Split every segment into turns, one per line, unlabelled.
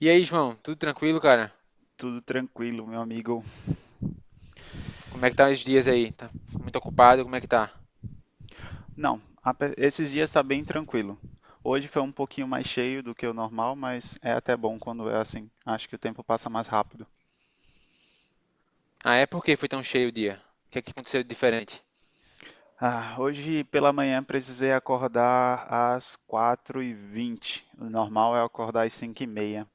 E aí, João, tudo tranquilo, cara?
Tudo tranquilo, meu amigo.
Como é que tá os dias aí? Tá muito ocupado? Como é que tá?
Não, ape- Esses dias tá bem tranquilo. Hoje foi um pouquinho mais cheio do que o normal, mas é até bom quando é assim. Acho que o tempo passa mais rápido.
Ah, é? Por que foi tão cheio o dia? O que é que aconteceu de diferente?
Ah, hoje pela manhã precisei acordar às 4:20. O normal é acordar às 5:30.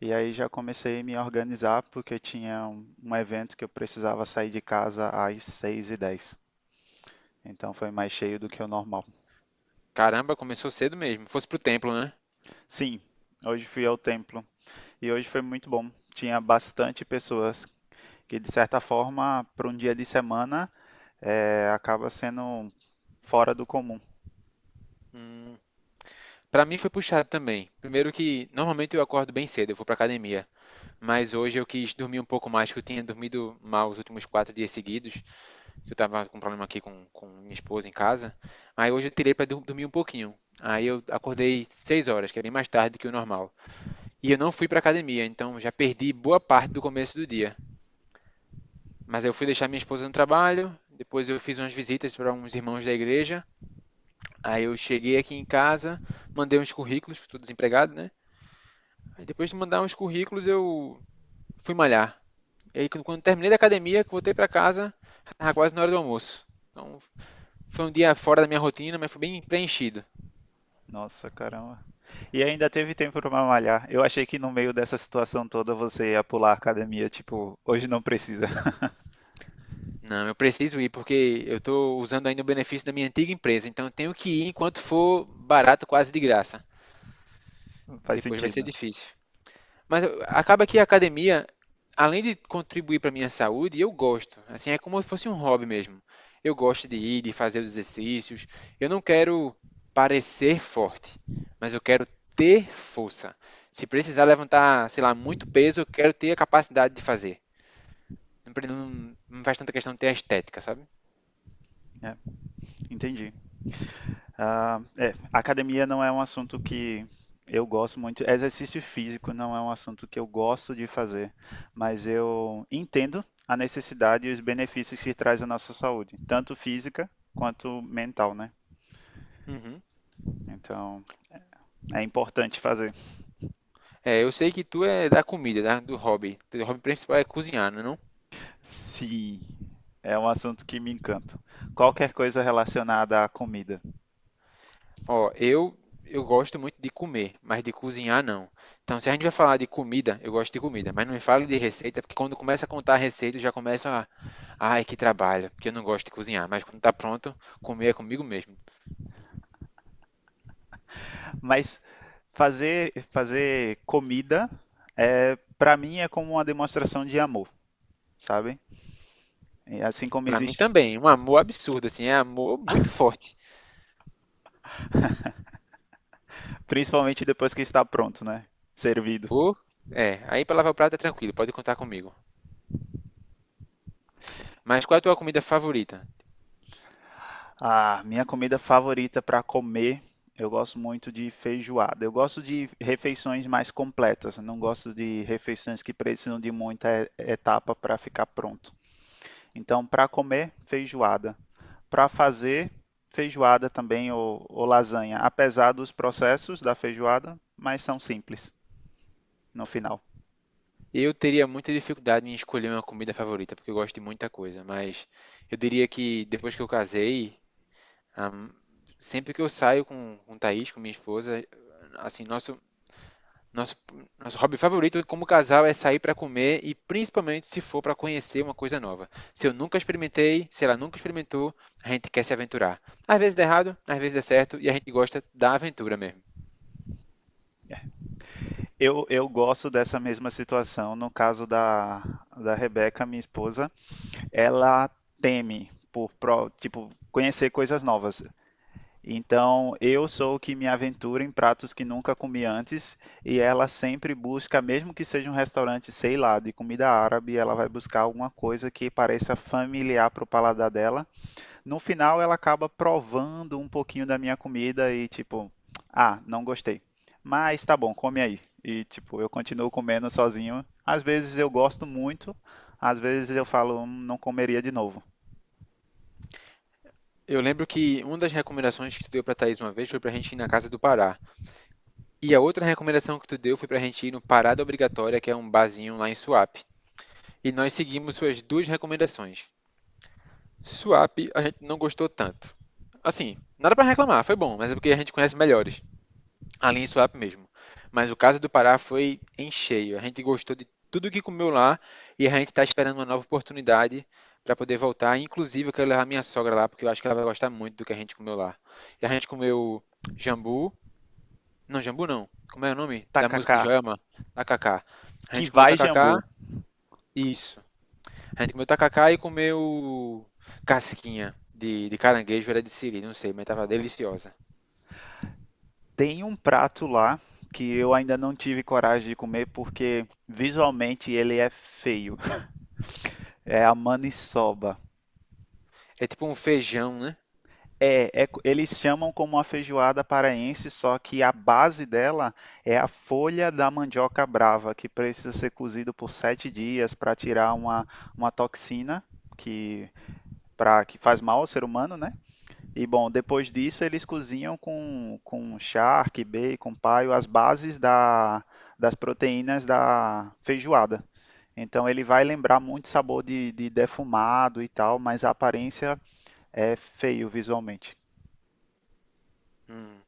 E aí já comecei a me organizar porque tinha um evento que eu precisava sair de casa às 6:10. Então foi mais cheio do que o normal.
Caramba, começou cedo mesmo. Fosse pro templo, né?
Sim, hoje fui ao templo. E hoje foi muito bom. Tinha bastante pessoas que, de certa forma, para um dia de semana, é, acaba sendo fora do comum.
Hum, pra mim foi puxado também. Primeiro que normalmente eu acordo bem cedo, eu vou pra academia. Mas hoje eu quis dormir um pouco mais, que eu tinha dormido mal os últimos quatro dias seguidos, que eu tava com problema aqui com minha esposa em casa. Aí hoje eu tirei pra dormir um pouquinho. Aí eu acordei seis horas, que é bem mais tarde do que o normal. E eu não fui para academia, então já perdi boa parte do começo do dia. Mas eu fui deixar minha esposa no trabalho, depois eu fiz umas visitas para uns irmãos da igreja. Aí eu cheguei aqui em casa, mandei uns currículos, estou desempregado, né? Aí depois de mandar uns currículos, eu fui malhar. E aí quando terminei da academia, que voltei para casa, já tava quase na hora do almoço. Então foi um dia fora da minha rotina, mas foi bem preenchido.
Nossa, caramba. E ainda teve tempo para malhar. Eu achei que no meio dessa situação toda você ia pular a academia, tipo, hoje não precisa.
Não, eu preciso ir porque eu estou usando ainda o benefício da minha antiga empresa, então eu tenho que ir enquanto for barato, quase de graça.
Faz
Depois vai ser
sentido.
difícil. Mas acaba que a academia, além de contribuir para minha saúde, eu gosto. Assim, é como se fosse um hobby mesmo. Eu gosto de ir, de fazer os exercícios. Eu não quero parecer forte, mas eu quero ter força. Se precisar levantar, sei lá, muito peso, eu quero ter a capacidade de fazer. Não, não, não faz tanta questão de ter a estética, sabe?
É, entendi. Ah, é, academia não é um assunto que eu gosto muito. Exercício físico não é um assunto que eu gosto de fazer, mas eu entendo a necessidade e os benefícios que traz à nossa saúde, tanto física quanto mental, né?
Uhum.
Então, é importante fazer.
É, eu sei que tu é da comida, do hobby. Teu hobby principal é cozinhar, não? É não?
Sim, é um assunto que me encanta. Qualquer coisa relacionada à comida.
Ó, eu gosto muito de comer, mas de cozinhar não. Então, se a gente vai falar de comida, eu gosto de comida, mas não me fale de receita, porque quando começa a contar a receita, eu já começo a, ai, que trabalho, porque eu não gosto de cozinhar, mas quando tá pronto, comer é comigo mesmo.
Mas fazer comida é para mim é como uma demonstração de amor, sabe? E assim como
Pra mim
existe,
também, um amor absurdo assim, é amor muito forte.
principalmente depois que está pronto, né? Servido.
Ou é, aí pra lavar o prato é tranquilo, pode contar comigo. Mas qual é a tua comida favorita?
Ah, minha comida favorita para comer, eu gosto muito de feijoada. Eu gosto de refeições mais completas, não gosto de refeições que precisam de etapa para ficar pronto. Então, para comer, feijoada. Para fazer, feijoada também ou lasanha, apesar dos processos da feijoada, mas são simples no final.
Eu teria muita dificuldade em escolher uma comida favorita, porque eu gosto de muita coisa, mas eu diria que depois que eu casei, Ahm, sempre que eu saio com Thaís, com minha esposa, assim, nosso, nosso hobby favorito como casal é sair para comer e principalmente se for para conhecer uma coisa nova. Se eu nunca experimentei, se ela nunca experimentou, a gente quer se aventurar. Às vezes dá errado, às vezes dá certo e a gente gosta da aventura mesmo.
Eu gosto dessa mesma situação. No caso da Rebeca, minha esposa, ela teme tipo, conhecer coisas novas. Então, eu sou o que me aventura em pratos que nunca comi antes, e ela sempre busca, mesmo que seja um restaurante, sei lá, de comida árabe, ela vai buscar alguma coisa que pareça familiar para o paladar dela, no final, ela acaba provando um pouquinho da minha comida e tipo, ah, não gostei. Mas tá bom, come aí. E tipo, eu continuo comendo sozinho. Às vezes eu gosto muito, às vezes eu falo, não comeria de novo.
Eu lembro que uma das recomendações que tu deu para Thaís uma vez foi para a gente ir na Casa do Pará. E a outra recomendação que tu deu foi para a gente ir no Parada Obrigatória, que é um barzinho lá em Suape. E nós seguimos suas duas recomendações. Swap a gente não gostou tanto. Assim, nada pra reclamar, foi bom, mas é porque a gente conhece melhores. A linha Swap mesmo. Mas o caso do Pará foi em cheio. A gente gostou de tudo que comeu lá e a gente está esperando uma nova oportunidade para poder voltar. Inclusive, eu quero levar minha sogra lá, porque eu acho que ela vai gostar muito do que a gente comeu lá. E a gente comeu jambu. Não, jambu não. Como é o nome da música de
Tacacá,
Joelma? Tacacá. A
que
gente comeu
vai,
tacacá,
Jambu.
isso. A gente comeu tacacá e comeu casquinha de caranguejo, era de siri, não sei, mas tava deliciosa.
Tem um prato lá que eu ainda não tive coragem de comer porque visualmente ele é feio. É a maniçoba.
É tipo um feijão, né?
Eles chamam como a feijoada paraense, só que a base dela é a folha da mandioca brava, que precisa ser cozido por 7 dias para tirar uma toxina que, pra, que faz mal ao ser humano, né? E bom, depois disso eles cozinham com charque, bacon, paio, as bases das proteínas da feijoada. Então ele vai lembrar muito sabor de defumado e tal, mas a aparência é feio visualmente.
Hum.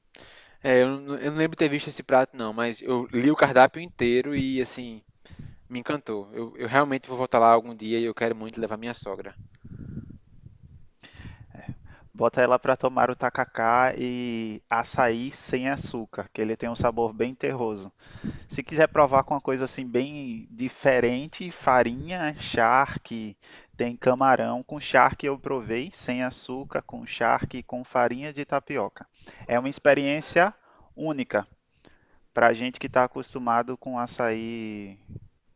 É, eu, eu não lembro de ter visto esse prato, não, mas eu li o cardápio inteiro e, assim, me encantou. Eu realmente vou voltar lá algum dia e eu quero muito levar minha sogra.
Bota ela pra tomar o tacacá e açaí sem açúcar, que ele tem um sabor bem terroso. Se quiser provar com uma coisa assim bem diferente, farinha, charque, tem camarão. Com charque eu provei, sem açúcar, com charque e com farinha de tapioca. É uma experiência única pra gente que está acostumado com açaí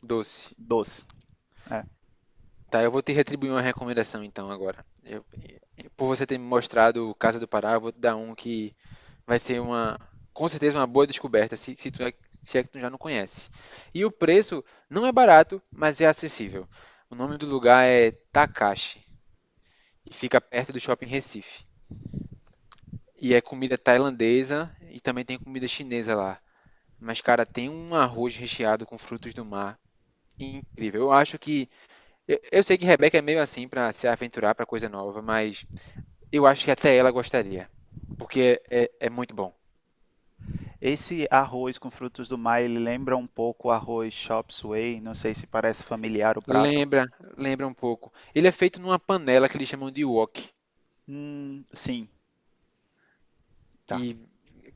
Doce.
doce. É.
Tá, eu vou te retribuir uma recomendação, então, agora. Por você ter me mostrado Casa do Pará, eu vou te dar um que vai ser uma, com certeza, uma boa descoberta, se, tu é, se é que tu já não conhece. E o preço não é barato, mas é acessível. O nome do lugar é Takashi e fica perto do shopping Recife. E é comida tailandesa e também tem comida chinesa lá. Mas, cara, tem um arroz recheado com frutos do mar incrível. Eu acho que. Eu sei que Rebeca é meio assim pra se aventurar pra coisa nova, mas eu acho que até ela gostaria. Porque é, é muito bom.
Esse arroz com frutos do mar, ele lembra um pouco o arroz chop suey, não sei se parece familiar o prato.
Lembra, lembra um pouco. Ele é feito numa panela que eles chamam de wok.
Sim, tá,
E,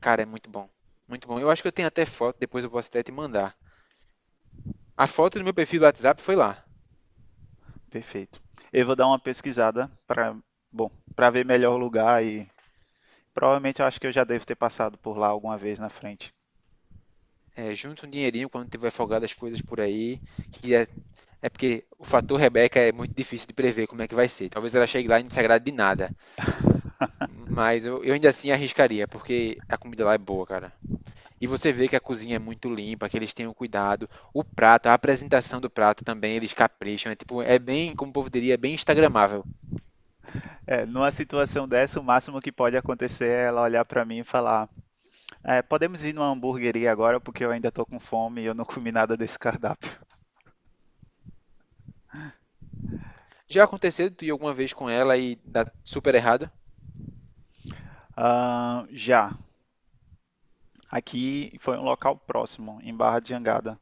cara, é muito bom. Muito bom. Eu acho que eu tenho até foto, depois eu posso até te mandar. A foto do meu perfil do WhatsApp foi lá.
perfeito. Eu vou dar uma pesquisada para, bom, para ver melhor o lugar e provavelmente eu acho que eu já devo ter passado por lá alguma vez na frente.
É, junta um dinheirinho quando tiver folgado as coisas por aí. Que é, é porque o fator Rebeca é muito difícil de prever como é que vai ser. Talvez ela chegue lá e não se agrade de nada. Mas eu ainda assim arriscaria, porque a comida lá é boa, cara. E você vê que a cozinha é muito limpa, que eles têm um cuidado. O prato, a apresentação do prato também, eles capricham. É tipo, é bem, como o povo diria, é bem instagramável.
É, numa situação dessa, o máximo que pode acontecer é ela olhar para mim e falar: "É, podemos ir numa hamburgueria agora porque eu ainda tô com fome e eu não comi nada desse cardápio.
Já aconteceu de tu ir alguma vez com ela e dar super errado?
Ah, já, aqui foi um local próximo, em Barra de Jangada.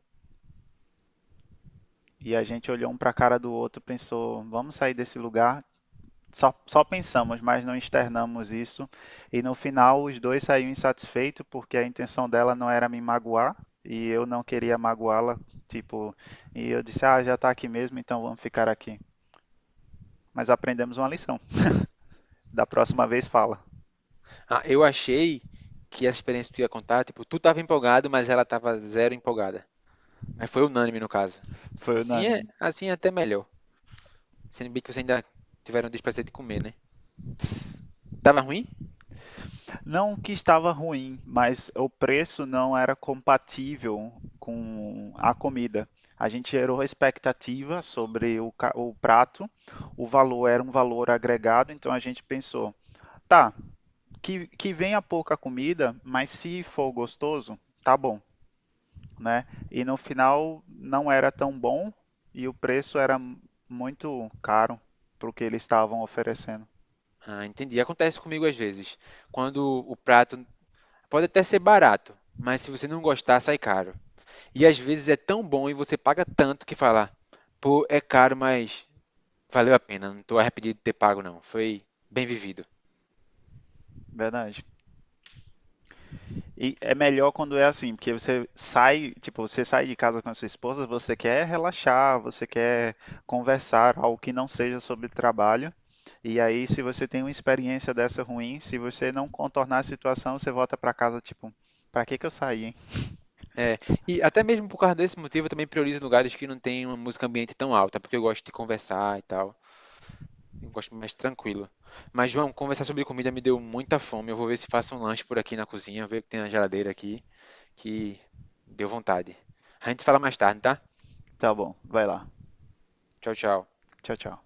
E a gente olhou um para a cara do outro, pensou: vamos sair desse lugar. Só pensamos, mas não externamos isso. E no final, os dois saíram insatisfeitos porque a intenção dela não era me magoar e eu não queria magoá-la. Tipo, e eu disse: Ah, já tá aqui mesmo, então vamos ficar aqui. Mas aprendemos uma lição. Da próxima vez, fala.
Ah, eu achei que essa experiência que tu ia contar, tipo, tu tava empolgado, mas ela tava zero empolgada. Mas foi unânime no caso.
Foi unânime.
Assim é até melhor. Sendo bem que vocês ainda tiveram o desprazer de comer, né? Tava ruim?
Não que estava ruim, mas o preço não era compatível com a comida. A gente gerou expectativa sobre o prato, o valor era um valor agregado, então a gente pensou, tá, que venha pouca comida, mas se for gostoso, tá bom, né? E no final não era tão bom e o preço era muito caro para o que eles estavam oferecendo.
Ah, entendi. Acontece comigo às vezes. Quando o prato pode até ser barato, mas se você não gostar, sai caro. E às vezes é tão bom e você paga tanto que fala, pô, é caro, mas valeu a pena, não estou arrependido de ter pago não, foi bem vivido.
Verdade. E é melhor quando é assim, porque você sai, tipo, você sai de casa com a sua esposa, você quer relaxar, você quer conversar, algo que não seja sobre trabalho. E aí, se você tem uma experiência dessa ruim, se você não contornar a situação, você volta pra casa, tipo, pra que que eu saí, hein?
É, e até mesmo por causa desse motivo eu também priorizo lugares que não tem uma música ambiente tão alta, porque eu gosto de conversar e tal. Eu gosto mais tranquilo. Mas, João, conversar sobre comida me deu muita fome. Eu vou ver se faço um lanche por aqui na cozinha, ver o que tem na geladeira aqui, que deu vontade. A gente se fala mais tarde, tá?
Tá bom, vai lá.
Tchau, tchau.
Tchau, tchau.